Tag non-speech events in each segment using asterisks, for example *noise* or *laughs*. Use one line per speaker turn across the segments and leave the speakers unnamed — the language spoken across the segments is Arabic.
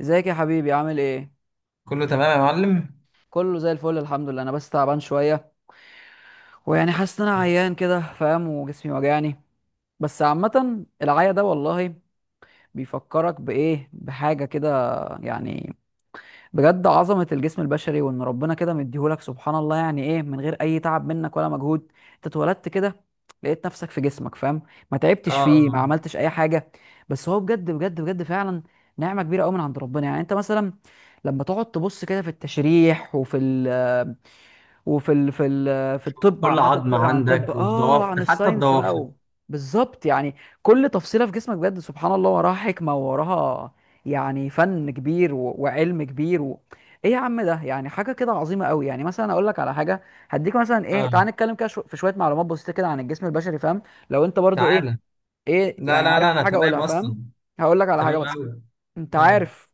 ازيك يا حبيبي، عامل ايه؟
كله تمام يا معلم.
كله زي الفل، الحمد لله. انا بس تعبان شويه، ويعني حاسس ان انا عيان كده، فاهم؟ وجسمي وجعني. بس عامه العيا ده والله بيفكرك بايه، بحاجه كده يعني. بجد عظمة الجسم البشري، وإن ربنا كده مديهولك سبحان الله. يعني إيه من غير أي تعب منك ولا مجهود، أنت اتولدت كده، لقيت نفسك في جسمك، فاهم؟ ما تعبتش فيه، ما
اه،
عملتش أي حاجة. بس هو بجد بجد بجد فعلا نعمة كبيرة أوي من عند ربنا. يعني أنت مثلا لما تقعد تبص كده في التشريح وفي ال وفي ال... في ال... في الطب
كل
عامه،
عظمة
تقرا عن الطب،
عندك
عن
وضوافر، حتى
الساينس بقى
الضوافر.
و... بالظبط يعني. كل تفصيله في جسمك بجد سبحان الله وراها حكمه، ووراها يعني فن كبير و... وعلم كبير و... ايه يا عم؟ ده يعني حاجه كده عظيمه قوي. يعني مثلا اقول لك على حاجه، هديك مثلا ايه،
اه،
تعال نتكلم كده في شويه معلومات بسيطه كده عن الجسم البشري، فاهم؟ لو انت برضو ايه،
تعالى. لا
يعني
لا
عارف
لا، انا
حاجه
تمام
اقولها،
اصلا.
فاهم؟ هقول لك على حاجه
تمام
مثلا.
أوي.
انت
امم
عارف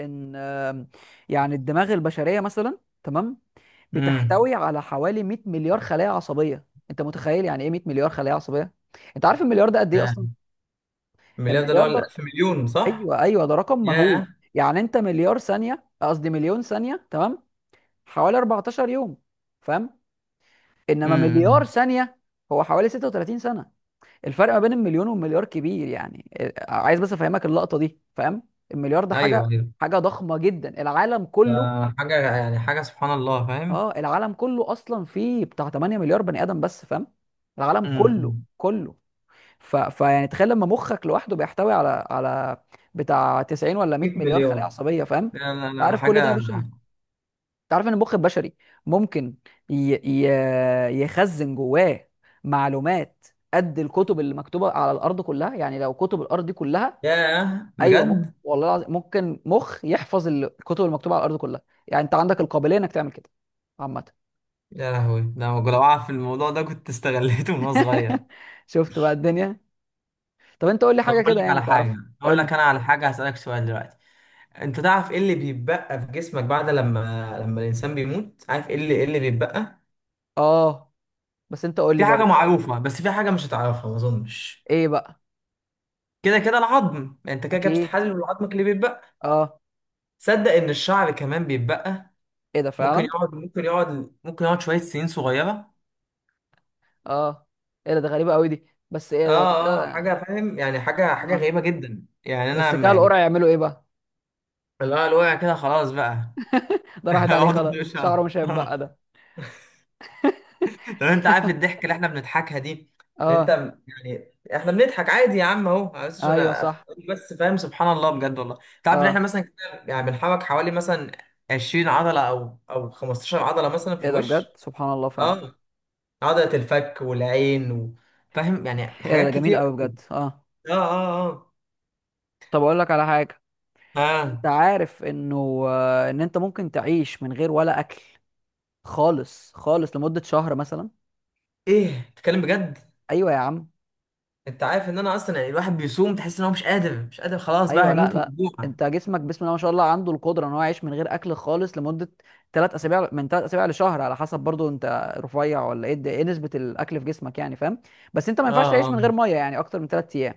ان آم، يعني الدماغ البشريه مثلا، تمام،
امم
بتحتوي على حوالي 100 مليار خلايا عصبيه. انت متخيل يعني ايه 100 مليار خلايا عصبيه؟ انت عارف المليار ده قد ايه
يا
اصلا؟
المليار ده اللي هو
المليار ده،
الالف مليون، صح؟
ايوه ايوه، ده رقم مهول.
يا
يعني انت مليار ثانيه قصدي مليون ثانيه، تمام، حوالي 14 يوم، فاهم؟ انما مليار
امم
ثانيه هو حوالي 36 سنه. الفرق ما بين المليون والمليار كبير يعني، عايز بس افهمك اللقطه دي، فاهم؟ المليار ده
ايوه ايوه،
حاجه ضخمه جدا.
ده حاجه، يعني حاجه سبحان الله فاهم.
العالم كله اصلا فيه بتاع 8 مليار بني ادم بس، فاهم؟ العالم كله
امم
كله. فيعني تخيل لما مخك لوحده بيحتوي على بتاع 90 ولا 100
100
مليار خلايا
مليون.
عصبيه، فاهم؟
لا لا
انت
لا
عارف كل ده يا
حاجه.
باشا؟ انت عارف ان المخ البشري ممكن ي... ي... يخزن جواه معلومات قد الكتب اللي مكتوبه على الارض كلها. يعني لو كتب الارض دي كلها،
يا
ايوه ممكن،
بجد.
والله العظيم ممكن مخ يحفظ الكتب المكتوبه على الارض كلها. يعني انت عندك القابليه انك تعمل كده عامه.
يا لهوي، ده أنا لو اعرف الموضوع ده كنت استغليته من وانا صغير.
*laughs* شفت بقى الدنيا؟ طب انت قول لي
طب
حاجه
اقول
كده
لك
يعني
على
تعرفها.
حاجه.
قول
اقول لك
لي.
انا على حاجه، هسالك سؤال دلوقتي. انت تعرف ايه اللي بيتبقى في جسمك بعد لما الانسان بيموت؟ عارف ايه اللي بيتبقى؟
اه، بس انت قول لي
في حاجه
برضه.
معروفه، بس في حاجه مش هتعرفها ما اظنش.
ايه بقى؟
كده كده العظم، يعني انت كده كده
اكيد.
بتتحلل، العظمك اللي بيتبقى.
اه.
صدق ان الشعر كمان بيتبقى.
ايه ده
ممكن
فعلا؟
يقعد ممكن يقعد ممكن يقعد شويه سنين صغيره.
اه، ايه ده؟ غريبه قوي دي، بس ايه ده؟
اه اه،
كده.
حاجه فاهم، يعني حاجه
اه.
غريبه جدا، يعني انا
بس
لما
كده
يعني.
القرع يعملوا ايه بقى؟
اللي هو الوقع كده خلاص بقى.
*laughs* ده
*laughs*
راحت عليه
اقعد
خلاص،
مش عارف.
شعره مش هيتبقى ده.
لو انت عارف الضحك اللي احنا بنضحكها دي، ان انت،
اه.
يعني احنا بنضحك عادي يا عم اهو، بس عشان
ايوه صح.
أفهمك بس فاهم. سبحان الله بجد والله. انت عارف ان احنا
اه.
مثلا كده يعني بنحرك حوالي مثلا 20 عضله او 15 عضله مثلا في
ايه ده بجد
الوش.
سبحان الله فعلا.
اه، عضله الفك والعين. و... فاهم يعني
ايه ده؟
حاجات
جميل
كتير
قوي
قوي.
بجد، اه.
اه اه
طب اقول لك على حاجه،
اه
انت
اه،
عارف انه آه، ان انت ممكن تعيش من غير ولا اكل خالص خالص لمده شهر مثلا.
ايه بتتكلم بجد؟
ايوه يا عم.
انت عارف ان انا اصلا يعني الواحد بيصوم تحس ان هو مش قادر مش قادر، خلاص بقى
ايوه. لا
هيموت من
لا.
الجوع.
انت جسمك بسم الله ما شاء الله عنده القدره ان هو يعيش من غير اكل خالص لمده ثلاث اسابيع من ثلاث اسابيع لشهر على حسب برضو انت رفيع ولا ايه، ايه نسبه الاكل في جسمك يعني، فاهم؟ بس انت ما
اه
ينفعش تعيش من
اه،
غير ميه يعني اكتر من ثلاث ايام.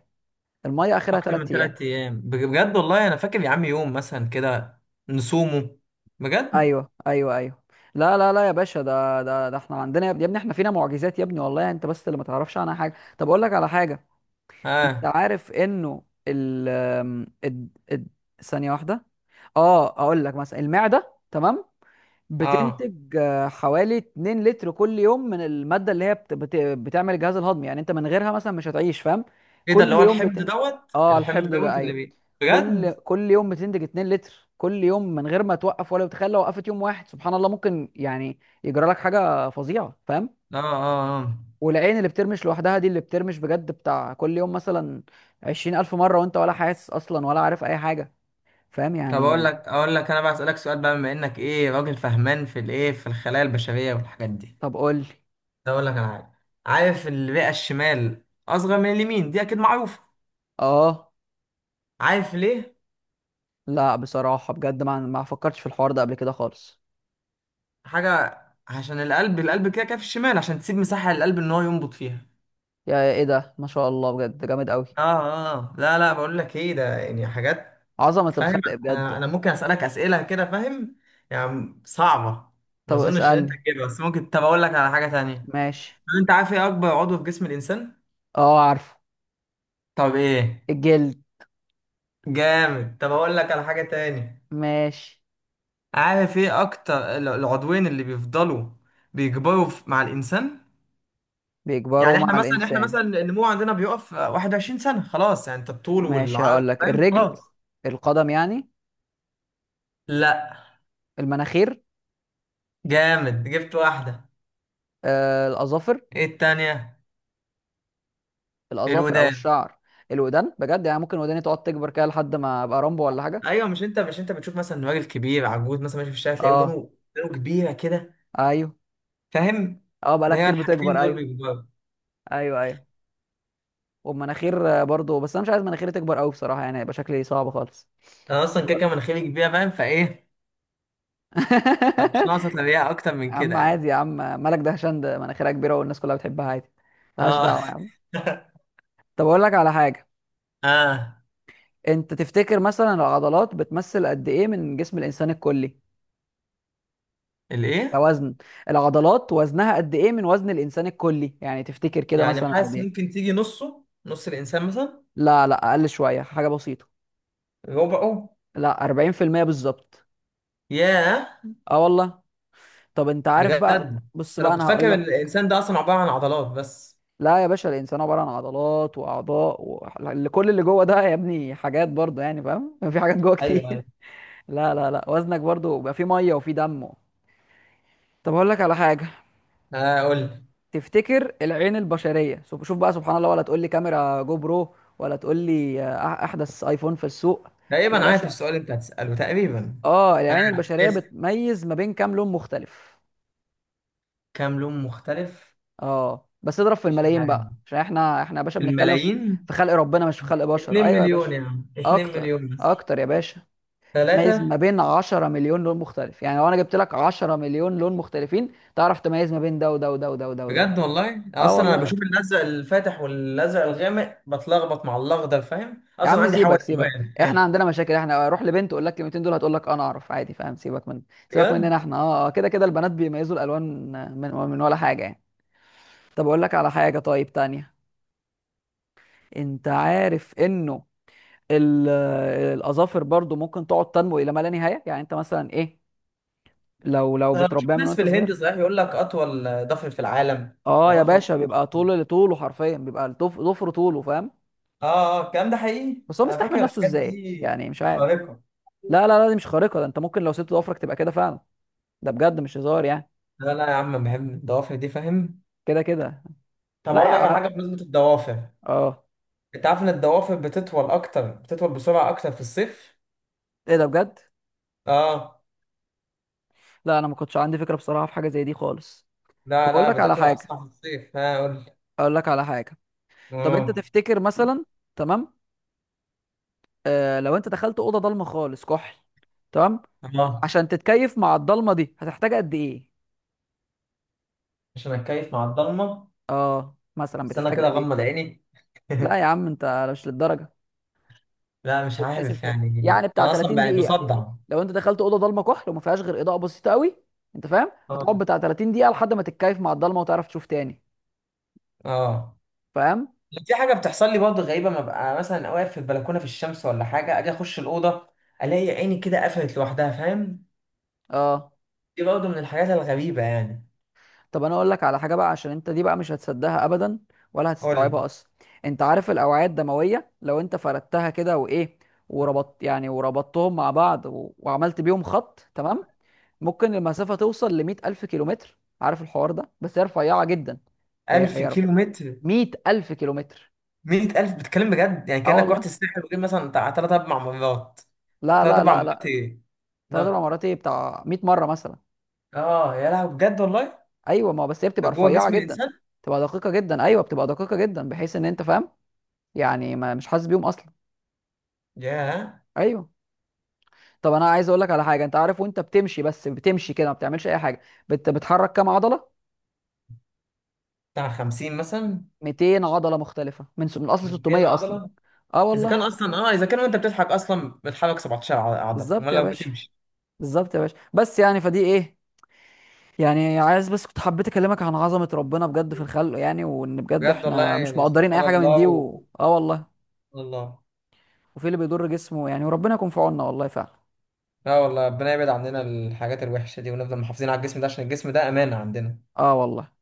الميه اخرها
اكتر من
ثلاث ايام.
ثلاث ايام بجد والله. انا فاكر يا عم يوم مثلا كده نصومه، بجد.
ايوه ايوه ايوه. لا لا لا يا باشا، ده احنا عندنا، يا ابني يا ابني احنا فينا معجزات يا ابني والله، انت بس اللي ما تعرفش عنها حاجه. طب اقول لك على حاجه، انت
اه
عارف انه ال ال ال- ثانيه واحده، اه اقول لك مثلا. المعده، تمام،
اه،
بتنتج حوالي 2 لتر كل يوم من المادة اللي هي بتعمل الجهاز الهضمي. يعني انت من غيرها مثلا مش هتعيش، فاهم؟
ايه ده؟ اللي
كل
هو
يوم
الحمض
بتنتج،
دوت
اه
الحمض
الحمض ده
دوت اللي
ايوه،
بي بجد.
كل يوم بتنتج 2 لتر كل يوم من غير ما توقف ولا. تخيل لو وقفت يوم واحد، سبحان الله، ممكن يعني يجرى لك حاجة فظيعة، فاهم؟
اه اه اه.
والعين اللي بترمش لوحدها دي، اللي بترمش بجد بتاع كل يوم مثلا 20,000 مرة وانت ولا حاسس اصلا ولا عارف اي حاجة، فاهم؟
طب
يعني
اقول لك
يعني-.
اقول لك انا بقى اسالك سؤال بقى، بما انك ايه راجل فهمان في الايه في الخلايا البشريه والحاجات دي.
طب قول لي.
ده اقول لك انا عارف. عارف الرئه الشمال اصغر من اليمين دي، اكيد معروفه.
اه.
عارف ليه؟
لا بصراحة بجد ما فكرتش في الحوار ده قبل كده خالص.
حاجه، عشان القلب، القلب كده كده في الشمال، عشان تسيب مساحه للقلب ان هو ينبض فيها.
يا ايه ده ما شاء الله بجد جامد قوي.
اه اه، لا لا بقول لك ايه ده، يعني حاجات
عظمة
فاهم.
الخلق
انا
بجد.
انا ممكن اسالك اسئله كده فاهم، يعني صعبه. ما
طب
اظنش ان انت
اسألني.
تجيبها، بس ممكن. طب اقول لك على حاجه تانية.
ماشي.
طب انت عارف ايه اكبر عضو في جسم الانسان؟
اه عارفه.
طب ايه؟
الجلد.
جامد. طب اقول لك على حاجه تاني.
ماشي.
عارف ايه اكتر العضوين اللي بيفضلوا بيكبروا مع الانسان؟
بيكبروا
يعني احنا
مع
مثلا احنا
الإنسان؟
مثلا النمو عندنا بيقف 21 سنه خلاص. يعني انت الطول
ماشي،
والعرض
هقول لك
فاهم
الرجل،
خلاص.
القدم يعني،
لا.
المناخير،
جامد، جبت واحده.
الأظافر.
ايه التانية؟
الأظافر أو
الودان.
الشعر. الودان؟ بجد؟ يعني ممكن وداني تقعد تكبر كده لحد ما أبقى رامبو ولا حاجة.
ايوه، مش انت بتشوف مثلا راجل كبير عجوز مثلا ماشي في الشارع تلاقي ودانه؟
اه.
ودانه كبيره كده.
أيوه.
فاهم.
اه، بقالها
ده هي
كتير
الحاجتين
بتكبر
دول
أيوه.
بيكبروا.
أيوه أيوه. وبمناخير برضه، بس انا مش عايز مناخيري تكبر قوي بصراحه، يعني هيبقى شكلي صعب خالص.
انا
*laughs*
اصلا كده كده
طب.
مناخيري كبيره فاهم فايه. مش ناقصه تلاقيها اكتر
يا
من كده
عم عادي
يعني.
يا عم، مالك دهشان؟ ده مناخيرها كبيره والناس كلها بتحبها عادي. ملهاش
اه.
دعوه يا عم.
*laughs*
طب اقول لك على حاجه،
اه.
انت تفتكر مثلا العضلات بتمثل قد ايه من جسم الانسان الكلي؟
الايه؟
كوزن، العضلات وزنها قد ايه من وزن الانسان الكلي يعني، تفتكر كده
يعني
مثلا قد
حاسس
ايه؟
ممكن تيجي نصه نص الانسان مثلا.
لا لا اقل شويه، حاجه بسيطه.
ربعه.
لا، 40% بالظبط.
ياه.
اه والله. طب انت عارف
بجد؟
بقى، بص
ده انا
بقى
كنت
انا هقول
فاكر ان
لك.
الانسان ده اصلا عباره عن عضلات بس.
لا يا باشا، الانسان عباره عن عضلات واعضاء و... اللي- كل اللي جوه ده يا ابني حاجات برضه، يعني فاهم؟ *laughs* في حاجات جوه
ايوه ايوه.
كتير. *laughs* لا لا لا، وزنك برضه بيبقى فيه ميه وفيه دم. *laughs* طب اقول لك على حاجه،
آه، قول لي.
تفتكر العين البشريه، شوف شوف بقى سبحان الله، ولا تقول لي كاميرا جو برو، ولا تقول لي احدث ايفون في السوق؟ يا
تقريبا عارف
باشا،
السؤال اللي انت هتساله تقريبا.
اه العين البشريه
اسأل.
بتميز ما بين كام لون مختلف؟
كام لون مختلف؟
اه بس اضرب في
مش
الملايين
عارف.
بقى، عشان احنا يا باشا بنتكلم
الملايين.
في خلق ربنا مش في خلق بشر.
2
ايوه يا
مليون
باشا.
يا عم، 2
اكتر
مليون بس.
اكتر يا باشا. تميز ما
ثلاثة.
بين 10 مليون لون مختلف. يعني لو انا جبت لك 10 مليون لون مختلفين تعرف تميز ما بين ده وده وده وده وده وده.
بجد والله،
اه
اصلا انا
والله يا ابني.
بشوف الازرق الفاتح والازرق الغامق بتلخبط مع الاخضر فاهم،
يا
اصلا
عم
عندي
سيبك
حوالي
سيبك،
الوان.
احنا عندنا مشاكل، احنا اروح لبنت اقول لك الكلمتين دول هتقول لك انا اعرف عادي، فاهم؟ سيبك مننا
بجد،
احنا كده كده البنات بيميزوا الالوان، من ولا حاجه يعني. طب اقول لك على حاجه طيب تانية، انت عارف انه ال- الاظافر برضو ممكن تقعد تنمو الى ما لا نهايه. يعني انت مثلا ايه، لو لو
انا بشوف
بتربيها من
ناس في
وانت
الهند
صغير.
صحيح يقول لك اطول ضفر في العالم،
اه يا
واطول.
باشا بيبقى طوله حرفيا، بيبقى ضفر طوله، فاهم؟
اه اه، الكلام ده حقيقي،
بس هو
انا
مستحمل
فاكر
نفسه
الحاجات
ازاي؟
دي
يعني مش عارف.
خارقة.
لا لا لا دي مش خارقه، ده انت ممكن لو سبت ضفرك تبقى كده فعلا. ده بجد مش هزار يعني.
لا لا يا عم، بحب الضوافر دي فاهم.
كده كده.
طب
لا
اقول
يا
لك على
علاء.
حاجة بمناسبة الضوافر.
اه.
انت عارف ان الضوافر بتطول بسرعة اكتر في الصيف.
ايه ده بجد.
اه،
لا انا ما كنتش عندي فكره بصراحه في حاجه زي دي خالص. طب
لا
اقول
لا،
لك على
بتطول
حاجه،
أصلا في الصيف. ها قول لي.
اقول لك على حاجه طب انت
اه
تفتكر مثلا، تمام، آه لو انت دخلت اوضه ضلمه خالص كحل، تمام،
اه،
عشان تتكيف مع الضلمه دي هتحتاج قد ايه؟
عشان أتكيف مع الضلمة.
اه مثلا
بس أنا
بتحتاج
كده
قد
أغمض
ايه؟
عيني.
لا
*laughs*
يا عم انت مش للدرجه،
لا مش
بتحسب
عارف
كده
يعني،
يعني بتاع
أنا
30
أصلا يعني
دقيقه.
بصدع.
لو انت دخلت اوضه ضلمه كحل وما فيهاش غير اضاءه بسيطه قوي، انت فاهم،
اه
هتقعد بتاع 30 دقيقه لحد ما تتكيف مع الضلمه وتعرف تشوف تاني،
اه،
فاهم؟
في حاجة بتحصل لي برضه غريبة، ما ببقى مثلا واقف في البلكونة في الشمس ولا حاجة، أجي أخش الأوضة، ألاقي عيني كده قفلت لوحدها فاهم.
اه.
دي برضه من الحاجات الغريبة يعني.
طب انا اقول لك على حاجه بقى، عشان انت دي بقى مش هتصدقها ابدا ولا
قول لي.
هتستوعبها اصلا. انت عارف الاوعيه الدمويه لو انت فردتها كده وايه، وربطت يعني وربطتهم مع بعض و... وعملت بيهم خط، تمام، ممكن المسافه توصل ل 100000 كيلومتر. عارف الحوار ده؟ بس هي رفيعه جدا، هي
ألف
هي
كيلو متر.
100000 كيلومتر.
مية ألف، بتتكلم بجد؟ يعني
اه
كأنك رحت
والله.
الساحل وجيت مثلا بتاع تلات أربع مرات.
لا
تلات
لا
أربع
لا
مرات
لا،
إيه؟
ثلاث اربع
ده.
مرات ايه، بتاع 100 مره مثلا.
آه يا لهوي، بجد والله.
ايوه، ما هو بس هي
ده
بتبقى
جوه
رفيعه
جسم
جدا،
الإنسان؟
بتبقى دقيقه جدا. ايوه بتبقى دقيقه جدا بحيث ان انت فاهم، يعني ما مش حاسس بيهم اصلا.
ياه.
ايوه. طب انا عايز اقول لك على حاجه، انت عارف وانت بتمشي بس بتمشي كده ما بتعملش اي حاجه بتحرك كام عضله؟
بتاع 50 مثلا.
200 عضله مختلفه من اصل
200
600 اصلا.
عضلة.
اه
إذا كان
والله.
أصلا إذا كان وأنت بتضحك أصلا بتحرك 17 عضلة،
بالظبط
أمال
يا
لو
باشا،
بتمشي.
بالظبط يا باشا، بس يعني فدي ايه. يعني عايز بس كنت حبيت اكلمك عن عظمه ربنا بجد في الخلق، يعني وان بجد
بجد والله،
احنا مش
يعني
مقدرين اي
سبحان
حاجه من
الله.
دي و...
و...
اه والله.
الله.
وفي اللي بيضر جسمه يعني، وربنا يكون في عوننا والله فعلا.
لا والله، ربنا يبعد عننا الحاجات الوحشة دي ونفضل محافظين على الجسم ده عشان الجسم ده أمانة عندنا.
اه والله.